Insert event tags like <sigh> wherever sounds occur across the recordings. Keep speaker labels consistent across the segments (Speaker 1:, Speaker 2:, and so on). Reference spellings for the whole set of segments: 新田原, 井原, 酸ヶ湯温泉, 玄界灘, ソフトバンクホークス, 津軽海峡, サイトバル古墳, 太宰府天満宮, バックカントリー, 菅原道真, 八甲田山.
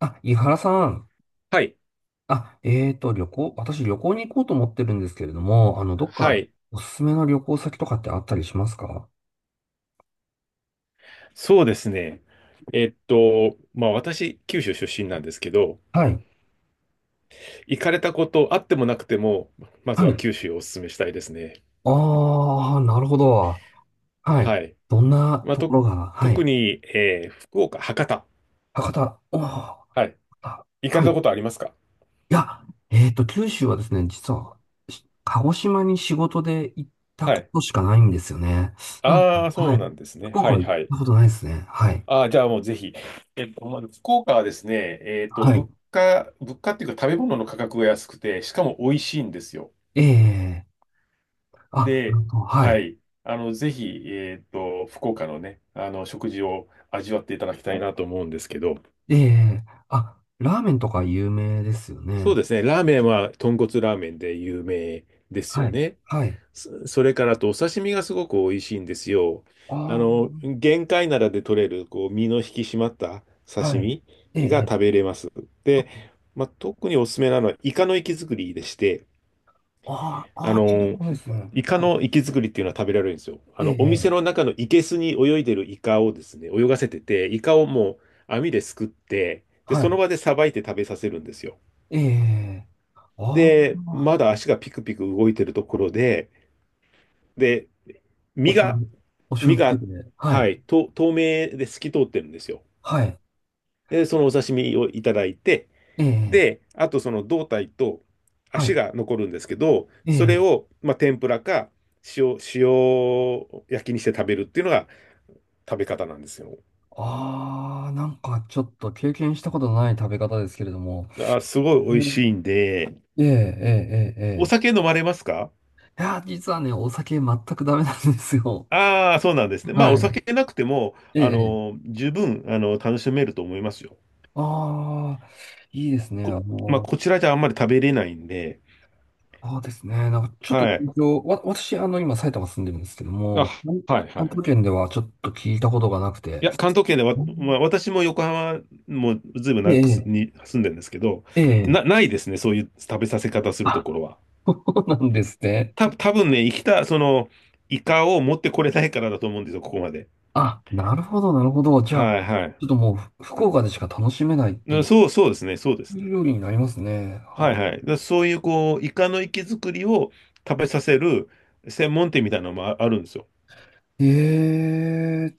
Speaker 1: あ、井原さん。
Speaker 2: はい。
Speaker 1: 旅行、私旅行に行こうと思ってるんですけれども、あの、どっか
Speaker 2: はい。
Speaker 1: おすすめの旅行先とかってあったりしますか？
Speaker 2: そうですね。まあ私、九州出身なんですけど、
Speaker 1: はい。
Speaker 2: 行かれたことあってもなくても、まず
Speaker 1: は
Speaker 2: は
Speaker 1: い。
Speaker 2: 九州をお勧めしたいですね。
Speaker 1: あー、なるほど。はい。
Speaker 2: はい。
Speaker 1: どんな
Speaker 2: まあ、
Speaker 1: ところが、は
Speaker 2: 特
Speaker 1: い。
Speaker 2: に、福岡、博多。
Speaker 1: 博多。おー、博
Speaker 2: はい。
Speaker 1: 多。
Speaker 2: 行か
Speaker 1: は
Speaker 2: れ
Speaker 1: い。い
Speaker 2: たことありますか？
Speaker 1: や、九州はですね、実は、鹿児島に仕事で行った
Speaker 2: は
Speaker 1: こ
Speaker 2: い。
Speaker 1: としかないんですよね。なん、
Speaker 2: ああ、
Speaker 1: は
Speaker 2: そう
Speaker 1: い。
Speaker 2: なんですね。
Speaker 1: 福
Speaker 2: は
Speaker 1: 岡は
Speaker 2: い
Speaker 1: 行っ
Speaker 2: はい。
Speaker 1: たことないですね。はい。
Speaker 2: ああ、じゃあもうぜひ。まず福岡はですね、
Speaker 1: はい。
Speaker 2: 物価っていうか食べ物の価格が安くて、しかも美味しいんですよ。
Speaker 1: ええ、あ、な
Speaker 2: で、
Speaker 1: んか、は
Speaker 2: は
Speaker 1: い。
Speaker 2: い。あの、ぜひ、福岡のね、あの、食事を味わっていただきたいなと思うんですけど、
Speaker 1: ええ、あ、ラーメンとか有名ですよ
Speaker 2: そう
Speaker 1: ね。
Speaker 2: ですね。ラーメンは豚骨ラーメンで有名です
Speaker 1: は
Speaker 2: よ
Speaker 1: い。
Speaker 2: ね。
Speaker 1: はい。
Speaker 2: それからあと、お刺身がすごく美味しいんですよ。あの、
Speaker 1: あ
Speaker 2: 玄界灘で取れる、こう、身の引き締まった
Speaker 1: あ、
Speaker 2: 刺
Speaker 1: はい。
Speaker 2: 身
Speaker 1: え
Speaker 2: が
Speaker 1: え、
Speaker 2: 食べれます。で、まあ、特におすすめなのは、イカの活き造りでして、
Speaker 1: ああ、あ
Speaker 2: あ
Speaker 1: あ、聞いたこ
Speaker 2: の、
Speaker 1: とないですね。
Speaker 2: イカ
Speaker 1: はい。
Speaker 2: の活き造りっていうのは食べられるんですよ。あ
Speaker 1: え
Speaker 2: の、お
Speaker 1: え、
Speaker 2: 店の中の生けすに泳いでるイカをですね、泳がせてて、イカをもう網ですくって、で、
Speaker 1: は
Speaker 2: そ
Speaker 1: い。
Speaker 2: の場でさばいて食べさせるんですよ。
Speaker 1: ええ、あ
Speaker 2: で、
Speaker 1: あ、
Speaker 2: まだ足がピクピク動いてるところで、で、
Speaker 1: お
Speaker 2: 身
Speaker 1: 醤
Speaker 2: が、
Speaker 1: 油、お醤
Speaker 2: 身
Speaker 1: 油つい
Speaker 2: が、
Speaker 1: てて。は
Speaker 2: は
Speaker 1: い。
Speaker 2: い、透明で透き通ってるんですよ。
Speaker 1: はい。
Speaker 2: で、そのお刺身をいただいて、
Speaker 1: ええ、
Speaker 2: で、あとその胴体と
Speaker 1: は
Speaker 2: 足
Speaker 1: い。
Speaker 2: が残るんですけど、
Speaker 1: え
Speaker 2: そ
Speaker 1: え、
Speaker 2: れを、まあ、天ぷらか塩焼きにして食べるっていうのが食べ方なんですよ。
Speaker 1: ああ、なんかちょっと経験したことのない食べ方ですけれども。
Speaker 2: あ、すごい美味
Speaker 1: うん、
Speaker 2: しいんで、
Speaker 1: ええ、ええ、ええ、
Speaker 2: お
Speaker 1: え
Speaker 2: 酒飲まれますか？
Speaker 1: え。いや、実はね、お酒全くダメなんですよ。
Speaker 2: ああー、そうなんですね。まあ、お
Speaker 1: はい。
Speaker 2: 酒なくても、あ
Speaker 1: ええ、
Speaker 2: の、十分、あの、楽しめると思いますよ。
Speaker 1: ああ、いいですね。
Speaker 2: こ、
Speaker 1: あ
Speaker 2: まあ、
Speaker 1: の、
Speaker 2: こちらじゃあんまり食べれないんで、
Speaker 1: ああですね。なんかちょ
Speaker 2: はい。
Speaker 1: っと、私、あの、今、埼玉住んでるんですけど
Speaker 2: あ、
Speaker 1: も、
Speaker 2: はい、は
Speaker 1: 関東
Speaker 2: い。
Speaker 1: 圏ではちょっと聞いたことがなく
Speaker 2: い
Speaker 1: て。
Speaker 2: や、関東圏で
Speaker 1: <laughs>
Speaker 2: わ、
Speaker 1: うん、
Speaker 2: まあ、私も横浜もずいぶん長くす
Speaker 1: え
Speaker 2: に住んでるんですけど、
Speaker 1: え、ええ、
Speaker 2: ないですね、そういう食べさせ方すると
Speaker 1: あ、
Speaker 2: ころは。
Speaker 1: <laughs> そうなんですね。
Speaker 2: 多分ね、生きた、その、イカを持ってこれないからだと思うんですよ、ここまで。
Speaker 1: あ、なるほど、なるほど。じゃあ、ち
Speaker 2: はいはい。
Speaker 1: ょっともう、福岡でしか楽しめないって
Speaker 2: う
Speaker 1: い
Speaker 2: ん
Speaker 1: う
Speaker 2: そうですね、そうですね。
Speaker 1: 料理になりますね。
Speaker 2: は
Speaker 1: あ、
Speaker 2: いはい。だからそういう、こう、イカの活き作りを食べさせる専門店みたいなのもああるんですよ。
Speaker 1: え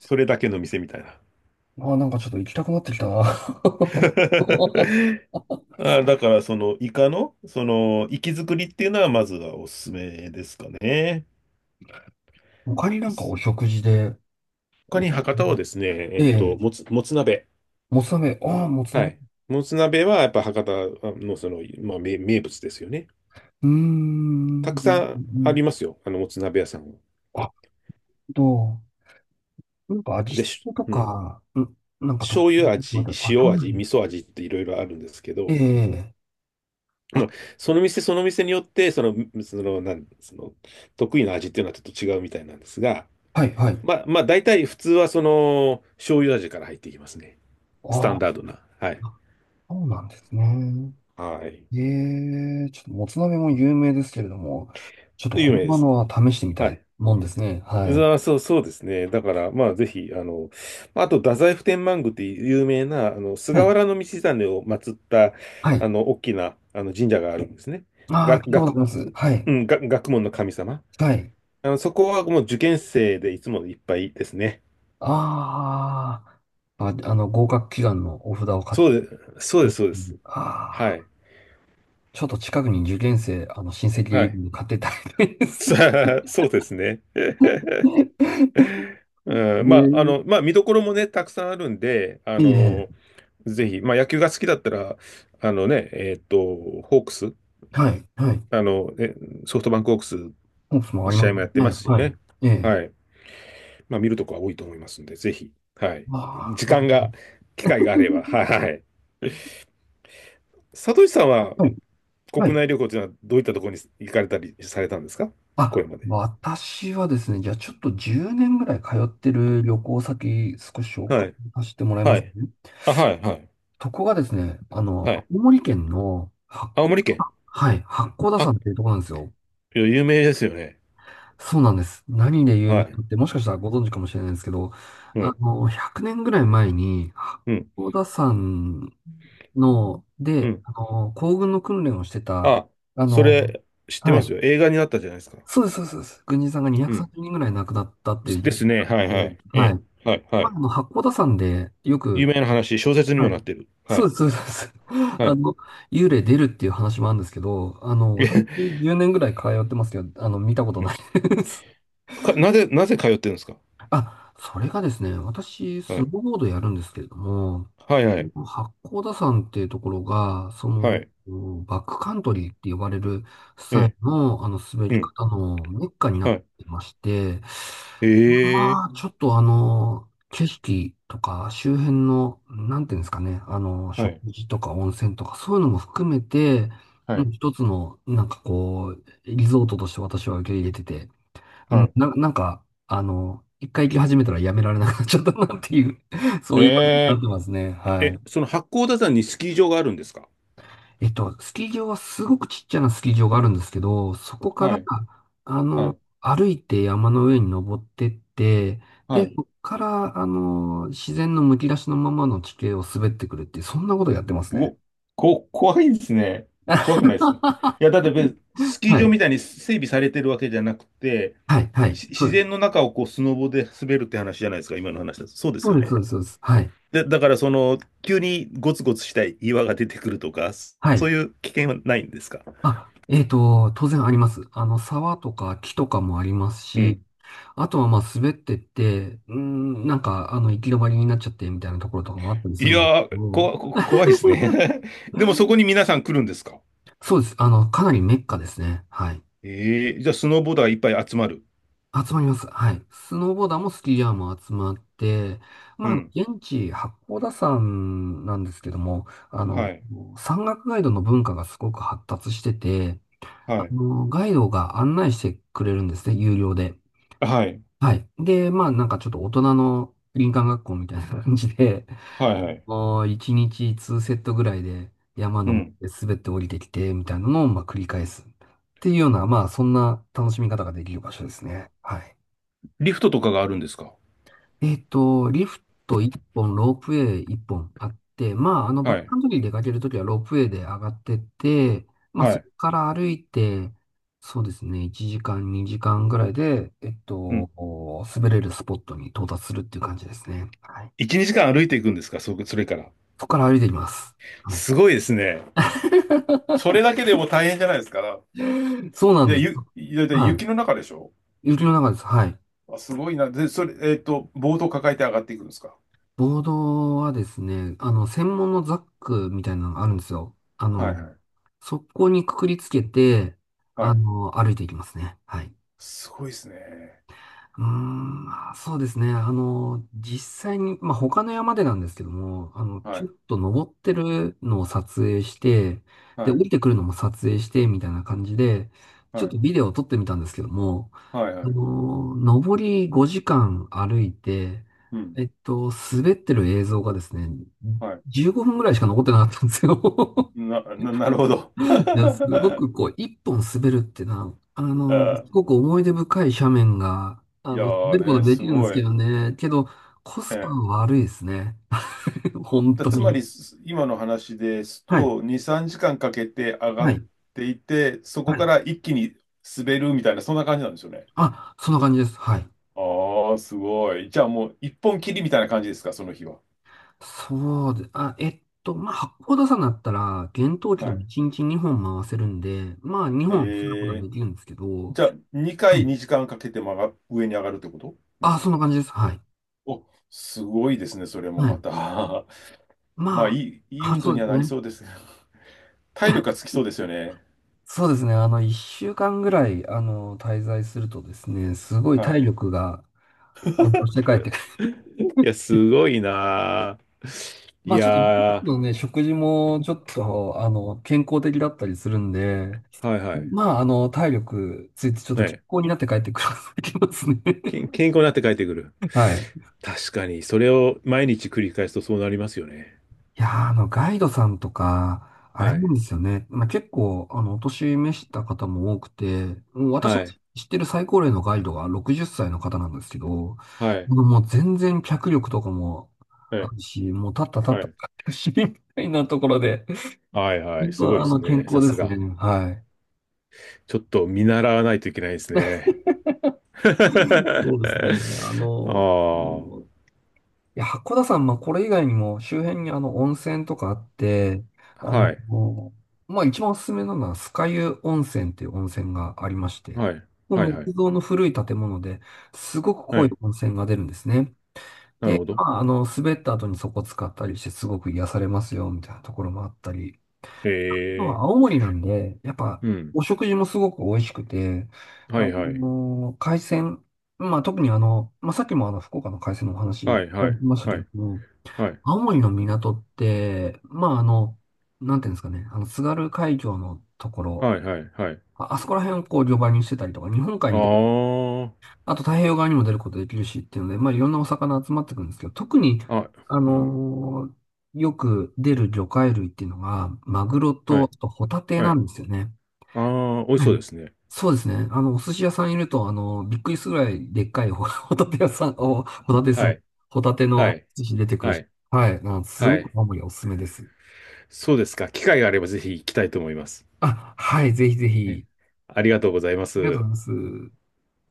Speaker 2: それだけの店みたいな。
Speaker 1: あ、なんかちょっと行きたくなってきたな。<laughs>
Speaker 2: <laughs> だから、その、イカの、その、活き作りっていうのは、まずはおすすめですかね。
Speaker 1: 他になんかお食事で、
Speaker 2: 他に博多はですね、
Speaker 1: ええ、
Speaker 2: もつ鍋。
Speaker 1: もつ鍋、ああ、もつ
Speaker 2: は
Speaker 1: 鍋。
Speaker 2: い。もつ鍋は、やっぱ博多の、その、まあ、名物ですよね。
Speaker 1: うーん。う
Speaker 2: たくさ
Speaker 1: ん、う
Speaker 2: んありま
Speaker 1: ん、
Speaker 2: すよ。あの、もつ鍋屋さんは。
Speaker 1: あと、なんか味
Speaker 2: で、
Speaker 1: 付けと
Speaker 2: うん。
Speaker 1: か、うん、なんか特
Speaker 2: 醤
Speaker 1: 別
Speaker 2: 油
Speaker 1: なことま
Speaker 2: 味、
Speaker 1: で、あ、
Speaker 2: 塩
Speaker 1: 醤油
Speaker 2: 味、
Speaker 1: 味。
Speaker 2: 味噌味っていろいろあるんですけど、
Speaker 1: ええ、
Speaker 2: まあ、
Speaker 1: あ、
Speaker 2: その店その店によって、その、得意な味っていうのはちょっと違うみたいなんですが、
Speaker 1: はい、はい。
Speaker 2: まあ、大体普通はその、醤油味から入っていきますね。スタ
Speaker 1: あ
Speaker 2: ン
Speaker 1: あ、
Speaker 2: ダードな。はい。
Speaker 1: そうなんですね。
Speaker 2: はい。
Speaker 1: ええ、ちょっともつ鍋も有名ですけれども、ちょっと
Speaker 2: 有名
Speaker 1: 本
Speaker 2: で
Speaker 1: 場
Speaker 2: す
Speaker 1: の
Speaker 2: ね。
Speaker 1: は試してみた
Speaker 2: は
Speaker 1: い
Speaker 2: い。
Speaker 1: もんですね。はい。
Speaker 2: あそうですね。だから、まあ、ぜひ、あの、まあと、太宰府天満宮っていう有名な、あの、
Speaker 1: は
Speaker 2: 菅
Speaker 1: い。
Speaker 2: 原道真を祀った、
Speaker 1: はい。
Speaker 2: あの、大きな、あの、神社があるんですね。
Speaker 1: ああ、
Speaker 2: が、
Speaker 1: 聞いたことあり
Speaker 2: 学、
Speaker 1: ます。はい。
Speaker 2: うん、学問の神様。
Speaker 1: はい。
Speaker 2: あの、そこはもう受験生でいつもいっぱいですね。
Speaker 1: ああ、あ、あの、合格祈願のお札を買って、
Speaker 2: そうです、そうです。は
Speaker 1: ああ。
Speaker 2: い。
Speaker 1: ちょっと近くに受験生、あの、親戚
Speaker 2: は
Speaker 1: いる
Speaker 2: い。
Speaker 1: んで買ってたみいです。
Speaker 2: さあ、そうですね。
Speaker 1: <laughs>
Speaker 2: うん、まあ、あ
Speaker 1: ね、
Speaker 2: の、まあ、見どころもね、たくさんあるんで、あ
Speaker 1: え。え
Speaker 2: の、
Speaker 1: え。
Speaker 2: ぜひ、まあ、野球が好きだったら、あのね、ホークス、
Speaker 1: はい、はい。
Speaker 2: あの、ね、ソフトバンクホークス
Speaker 1: コンプスも
Speaker 2: の
Speaker 1: あり
Speaker 2: 試
Speaker 1: ま
Speaker 2: 合
Speaker 1: す
Speaker 2: もやってま
Speaker 1: ね。
Speaker 2: すし
Speaker 1: は
Speaker 2: ね。
Speaker 1: い。ええ。
Speaker 2: はい。まあ、見るとこは多いと思いますんで、ぜひ、はい。
Speaker 1: ま
Speaker 2: 時間
Speaker 1: あ、<laughs>
Speaker 2: が、機会があれば、はい、はい。佐藤さんは、
Speaker 1: はい、は
Speaker 2: 国
Speaker 1: い。
Speaker 2: 内旅行というのは、どういったところに行かれたりされたんですか？これ
Speaker 1: あ、
Speaker 2: まで。
Speaker 1: 私はですね、じゃあちょっと10年ぐらい通ってる旅行先、少し紹
Speaker 2: は
Speaker 1: 介
Speaker 2: い。
Speaker 1: させてもらいま
Speaker 2: は
Speaker 1: す
Speaker 2: い。
Speaker 1: ね。
Speaker 2: あ、はい、はい。
Speaker 1: そこがですね、あ
Speaker 2: は
Speaker 1: の、
Speaker 2: い。
Speaker 1: 青森県の八
Speaker 2: 青
Speaker 1: 甲、
Speaker 2: 森県。
Speaker 1: はい、八甲田
Speaker 2: あ、
Speaker 1: 山っていうところなんですよ。
Speaker 2: いや有名ですよね。
Speaker 1: そうなんです。何で有
Speaker 2: は
Speaker 1: 名
Speaker 2: い。
Speaker 1: かって、もしかしたらご存知かもしれないんですけど、
Speaker 2: う
Speaker 1: あ
Speaker 2: ん。
Speaker 1: の、100年ぐらい前に、八
Speaker 2: うん。
Speaker 1: 甲田山の、
Speaker 2: う
Speaker 1: で、
Speaker 2: ん
Speaker 1: あの、行軍の訓練をしてた、
Speaker 2: あ、
Speaker 1: あ
Speaker 2: そ
Speaker 1: の、
Speaker 2: れ、知って
Speaker 1: は
Speaker 2: ますよ。
Speaker 1: い。
Speaker 2: 映画になったじゃないですか。
Speaker 1: そうです、そうです。そうです軍人さんが
Speaker 2: う
Speaker 1: 230
Speaker 2: ん。
Speaker 1: 人ぐらい亡くなったっていう
Speaker 2: で
Speaker 1: 事
Speaker 2: す
Speaker 1: 件
Speaker 2: ね。
Speaker 1: が
Speaker 2: はいは
Speaker 1: あって、
Speaker 2: い。え
Speaker 1: は
Speaker 2: え。
Speaker 1: い。
Speaker 2: はいは
Speaker 1: まあ、
Speaker 2: い。
Speaker 1: あの、八甲田山でよ
Speaker 2: 有
Speaker 1: く、
Speaker 2: 名な話、小説にも
Speaker 1: はい。
Speaker 2: なってる。は
Speaker 1: そう
Speaker 2: い。
Speaker 1: です、そうです。そうです <laughs>
Speaker 2: は
Speaker 1: あ
Speaker 2: い。
Speaker 1: の、幽霊出るっていう話もあるんですけど、あ
Speaker 2: <laughs>
Speaker 1: の、
Speaker 2: え
Speaker 1: 私
Speaker 2: へ
Speaker 1: 10年ぐらい通ってますけど、あの、見たこと
Speaker 2: うん
Speaker 1: ないです。
Speaker 2: かなぜ通ってるんですか？
Speaker 1: あ、それがですね、私、ス
Speaker 2: は
Speaker 1: ノ
Speaker 2: い。
Speaker 1: ーボードやるんですけれども、
Speaker 2: はいはい。
Speaker 1: 八甲田山っていうところが、そ
Speaker 2: は
Speaker 1: の、
Speaker 2: い。
Speaker 1: バックカントリーって呼ばれるス
Speaker 2: え
Speaker 1: タイル
Speaker 2: え。
Speaker 1: の、あの、滑
Speaker 2: う
Speaker 1: り
Speaker 2: ん。
Speaker 1: 方のメッカにな
Speaker 2: は
Speaker 1: っ
Speaker 2: い。
Speaker 1: てまして、
Speaker 2: ええ。
Speaker 1: まあ、ちょっとあの、景色とか周辺の、なんていうんですかね、あの、
Speaker 2: は
Speaker 1: 食
Speaker 2: い。
Speaker 1: 事とか温泉とかそういうのも含めて、
Speaker 2: は
Speaker 1: うん、
Speaker 2: い。
Speaker 1: 一つの、なんかこう、リゾートとして私は受け入れてて、う
Speaker 2: は
Speaker 1: ん、
Speaker 2: い。
Speaker 1: なんか、あの、一回行き始めたらやめられなくなっちゃったなっていう、 <laughs> そういう場所になっ
Speaker 2: え
Speaker 1: てますね。
Speaker 2: え。
Speaker 1: は
Speaker 2: え、
Speaker 1: い。
Speaker 2: その八甲田山にスキー場があるんですか？
Speaker 1: えっと、スキー場はすごくちっちゃなスキー場があるんですけど、そこか
Speaker 2: は
Speaker 1: ら、
Speaker 2: い。
Speaker 1: あ
Speaker 2: は
Speaker 1: の、
Speaker 2: い。
Speaker 1: 歩いて山の上に登ってって、
Speaker 2: は
Speaker 1: で、
Speaker 2: い。
Speaker 1: そこから、あの、自然のむき出しのままの地形を滑ってくるっていう、そんなことやってますね。
Speaker 2: お、怖いですね。
Speaker 1: <laughs>
Speaker 2: 怖くないですね。いや、だって別にスキー
Speaker 1: は
Speaker 2: 場
Speaker 1: い。
Speaker 2: みたいに整備されてるわけじゃなくて、
Speaker 1: はい、はい。そ
Speaker 2: 自
Speaker 1: う
Speaker 2: 然の中をこうスノボで滑るって話じゃないですか、今の話だと。そうで
Speaker 1: そ
Speaker 2: す
Speaker 1: う
Speaker 2: よ
Speaker 1: です、そ
Speaker 2: ね。
Speaker 1: うです。そうですはい。
Speaker 2: で、だからその、急にゴツゴツした岩が出てくるとか、
Speaker 1: はい。
Speaker 2: そういう危険はないんですか？
Speaker 1: あ、えっと、当然あります。あの、沢とか木とかもあります
Speaker 2: う
Speaker 1: し、
Speaker 2: ん。
Speaker 1: あとはまあ滑ってって、うーん、なんかあの行き止まりになっちゃってみたいなところとかもあったりす
Speaker 2: い
Speaker 1: るの
Speaker 2: やー、こ
Speaker 1: を、
Speaker 2: わこ怖いですね。<laughs> でもそこに皆さん来るんですか？
Speaker 1: そうです。あの、かなりメッカですね。はい。
Speaker 2: ええーじゃあスノーボーダーいっぱい集まる。
Speaker 1: 集まります。はい。スノーボーダーもスキーヤーも集まって、
Speaker 2: う
Speaker 1: まあ、あの
Speaker 2: ん。
Speaker 1: 現地、八甲田山なんですけども、あ
Speaker 2: は
Speaker 1: の、
Speaker 2: い。
Speaker 1: 山岳ガイドの文化がすごく発達してて、
Speaker 2: は
Speaker 1: あ
Speaker 2: い。
Speaker 1: の、ガイドが案内してくれるんですね、有料で。
Speaker 2: はい。
Speaker 1: はい。で、まあなんかちょっと大人の林間学校みたいな感じで、
Speaker 2: はい。はい。
Speaker 1: もう1日2セットぐらいで山
Speaker 2: う
Speaker 1: の
Speaker 2: ん。
Speaker 1: 滑って降りてきてみたいなのをまあ繰り返すっていうような、まあそんな楽しみ方ができる場所ですね。はい。
Speaker 2: リフトとかがあるんですか？
Speaker 1: えっと、リフト1本、ロープウェイ1本あって、まあ、あの、バッ
Speaker 2: は
Speaker 1: クカ
Speaker 2: い。
Speaker 1: ントリー出かけるときはロープウェイで上がってって、まあ、
Speaker 2: は
Speaker 1: そ
Speaker 2: い。
Speaker 1: こから歩いて、そうですね、1時間、2時間ぐらいで、えっ
Speaker 2: う
Speaker 1: と、
Speaker 2: ん。
Speaker 1: 滑れるスポットに到達するっていう感じですね。はい。
Speaker 2: 1、2時間歩いていくんですか？それから。
Speaker 1: そこから歩いていきます。はい。
Speaker 2: すごいですね。
Speaker 1: <laughs>
Speaker 2: それだけでも大変じゃないですか。
Speaker 1: そうなんで
Speaker 2: で、
Speaker 1: す。
Speaker 2: で、
Speaker 1: は
Speaker 2: 雪の中でしょ？
Speaker 1: い。雪の中です。はい。
Speaker 2: あ、すごいな。で、それ、ボードを抱えて上がっていくんですか？
Speaker 1: ボードはですね、あの、専門のザックみたいなのがあるんですよ。あ
Speaker 2: はい
Speaker 1: の、
Speaker 2: はい。
Speaker 1: そこにくくりつけて、
Speaker 2: は
Speaker 1: あ
Speaker 2: い。
Speaker 1: の、歩いていきますね。はい。
Speaker 2: すごいですね。
Speaker 1: うーん、まあそうですね。あの、実際に、まあ、他の山でなんですけども、あの、
Speaker 2: は
Speaker 1: ちょっ
Speaker 2: い。
Speaker 1: と登ってるのを撮影して、で、
Speaker 2: は
Speaker 1: 降
Speaker 2: い。
Speaker 1: りてくるのも撮影して、みたいな感じで、
Speaker 2: は
Speaker 1: ちょっ
Speaker 2: い。
Speaker 1: とビデオを撮ってみたんですけども、
Speaker 2: はい。
Speaker 1: あ
Speaker 2: はい。
Speaker 1: の、上り5時間歩いて、
Speaker 2: うん。
Speaker 1: えっと、滑ってる映像がですね、
Speaker 2: はい。
Speaker 1: 15分ぐらいしか残ってなかったんですよ。
Speaker 2: なるほど。<laughs>
Speaker 1: <laughs> いやすご
Speaker 2: あ
Speaker 1: くこう、一本滑るってな、あの、すご
Speaker 2: ー
Speaker 1: く思い出深い斜面が、あ
Speaker 2: いや
Speaker 1: の、滑る
Speaker 2: ー
Speaker 1: こ
Speaker 2: ね、
Speaker 1: とで
Speaker 2: す
Speaker 1: きるんです
Speaker 2: ご
Speaker 1: け
Speaker 2: い。
Speaker 1: どね、けど、コスパ
Speaker 2: ええ
Speaker 1: は悪いですね。<laughs> 本当
Speaker 2: つまり、
Speaker 1: に。
Speaker 2: 今の話です
Speaker 1: は
Speaker 2: と、
Speaker 1: い。
Speaker 2: 2、3時間かんかけて上が
Speaker 1: は
Speaker 2: っ
Speaker 1: い。
Speaker 2: ていて、そこ
Speaker 1: は
Speaker 2: か
Speaker 1: い。
Speaker 2: ら一気に滑るみたいな、そんな感じなんですよね。
Speaker 1: あ、そんな感じです。はい。
Speaker 2: ああ、すごい。じゃあもう、一本切りみたいな感じですか、その日は。
Speaker 1: そうで、あ、えっと、まあ、八甲田山だったら、厳冬期
Speaker 2: は
Speaker 1: でも
Speaker 2: い
Speaker 1: 1日2本回せるんで、まあ、2本することは
Speaker 2: え
Speaker 1: で
Speaker 2: え
Speaker 1: きるんですけど、
Speaker 2: じゃあ、2
Speaker 1: は
Speaker 2: 回
Speaker 1: い。
Speaker 2: 2時間かんかけて上に上がるってことです
Speaker 1: あ、そん
Speaker 2: か？
Speaker 1: な感じです。はい。
Speaker 2: お、すごいですね、それも
Speaker 1: は
Speaker 2: ま
Speaker 1: い。
Speaker 2: た。<laughs> まあ、い
Speaker 1: ま
Speaker 2: い、いい
Speaker 1: あ、あ、
Speaker 2: 運
Speaker 1: そ
Speaker 2: 動
Speaker 1: う
Speaker 2: に
Speaker 1: で
Speaker 2: は
Speaker 1: す
Speaker 2: なり
Speaker 1: ね。
Speaker 2: そうですけど。<laughs> 体力がつ
Speaker 1: <laughs>
Speaker 2: きそうですよね。
Speaker 1: そうですね。あの、1週間ぐらい、あの、滞在するとですね、すごい
Speaker 2: は
Speaker 1: 体
Speaker 2: い。
Speaker 1: 力が、こうして帰って、
Speaker 2: いや、
Speaker 1: <laughs>
Speaker 2: すごいなあい
Speaker 1: まあ、ちょっと、
Speaker 2: やー、
Speaker 1: のね、食事も、ちょっと、あの、健康的だったりするんで、
Speaker 2: はいはい。
Speaker 1: まあ、あの、体力ついて、ちょっと健
Speaker 2: ね、
Speaker 1: 康になって帰ってくるきますね。<laughs>
Speaker 2: 健康になって帰ってくる。
Speaker 1: はい。
Speaker 2: 確かに、それを毎日繰り返すとそうなりますよね。
Speaker 1: いやー、あの、ガイドさんとか、あれ
Speaker 2: は
Speaker 1: なん
Speaker 2: い。
Speaker 1: ですよね。まあ、結構、あの、お年召した方も多くて、もう私の
Speaker 2: はい。
Speaker 1: 知ってる最高齢のガイドが60歳の方なんですけど、も
Speaker 2: は
Speaker 1: う
Speaker 2: い。
Speaker 1: もう全然脚力とかも
Speaker 2: は
Speaker 1: あ
Speaker 2: い。
Speaker 1: るし、もう立った立っ
Speaker 2: は
Speaker 1: た立
Speaker 2: い。
Speaker 1: ったし、みたいなところで、
Speaker 2: はいはい。
Speaker 1: 本
Speaker 2: すごい
Speaker 1: 当、
Speaker 2: で
Speaker 1: あ
Speaker 2: す
Speaker 1: の、健
Speaker 2: ね。
Speaker 1: 康
Speaker 2: さ
Speaker 1: で
Speaker 2: す
Speaker 1: すね。
Speaker 2: が。
Speaker 1: はい。
Speaker 2: ちょっと見習わないといけないですね。<laughs> あ
Speaker 1: そうですね。あの、
Speaker 2: あ、は
Speaker 1: ういや、八甲田山、まあ、これ以外にも周辺にあの温泉とかあって、あの、
Speaker 2: い、
Speaker 1: まあ、一番おすすめなのは酸ヶ湯温泉っていう温泉がありまして、
Speaker 2: はい、
Speaker 1: ここ
Speaker 2: はい、は
Speaker 1: 木
Speaker 2: い、
Speaker 1: 造の古い建物ですごく
Speaker 2: は
Speaker 1: 濃い
Speaker 2: い、
Speaker 1: 温泉が出るんですね。
Speaker 2: なる
Speaker 1: で、
Speaker 2: ほど。
Speaker 1: まあ、あの、滑った後にそこ使ったりしてすごく癒されますよ、みたいなところもあったり、
Speaker 2: へ
Speaker 1: あとは
Speaker 2: え、
Speaker 1: 青森なんで、やっぱ
Speaker 2: うん、
Speaker 1: お食事もすごく美味しくて、
Speaker 2: は
Speaker 1: あ
Speaker 2: い、はい、
Speaker 1: の、海鮮、まあ、特にあの、まあ、さっきもあの、福岡の海鮮のお話
Speaker 2: は
Speaker 1: い
Speaker 2: い、
Speaker 1: た
Speaker 2: は
Speaker 1: だ
Speaker 2: い、
Speaker 1: きましたけ
Speaker 2: は
Speaker 1: ど
Speaker 2: い、
Speaker 1: も、
Speaker 2: はい、
Speaker 1: 青森の港って、まあ、あの、なんていうんですかね、あの、津軽海峡のところ、
Speaker 2: はい、はい、はい、
Speaker 1: あ、あそこら辺をこう、漁場にしてたりとか、日本海に出る、
Speaker 2: あ
Speaker 1: あと太平洋側にも出ることできるしっていうので、まあ、いろんなお魚集まってくるんですけど、特に、
Speaker 2: あ、あ、
Speaker 1: あ
Speaker 2: うん、
Speaker 1: のーよく出る魚介類っていうのが、マグロ
Speaker 2: は
Speaker 1: と、あ
Speaker 2: い、
Speaker 1: とホタテ
Speaker 2: は
Speaker 1: な
Speaker 2: い、
Speaker 1: んですよね。
Speaker 2: ああ、美味し
Speaker 1: はい。
Speaker 2: そうですね。
Speaker 1: そうですね。あの、お寿司屋さんいると、あの、びっくりするぐらいでっかい、 <laughs> ホタテ屋さん、お、ホタテす、
Speaker 2: はい、
Speaker 1: ホタテ
Speaker 2: は
Speaker 1: の
Speaker 2: い、
Speaker 1: 寿司出てくる
Speaker 2: は
Speaker 1: し、
Speaker 2: い、
Speaker 1: はい。あのすご
Speaker 2: は
Speaker 1: く
Speaker 2: い、
Speaker 1: 青森はおすすめです。
Speaker 2: そうですか。機会があればぜひ行きたいと思います。
Speaker 1: あ、はい、ぜひぜ
Speaker 2: ね
Speaker 1: ひ。
Speaker 2: ありがとうございま
Speaker 1: ありがと
Speaker 2: す。
Speaker 1: うございます。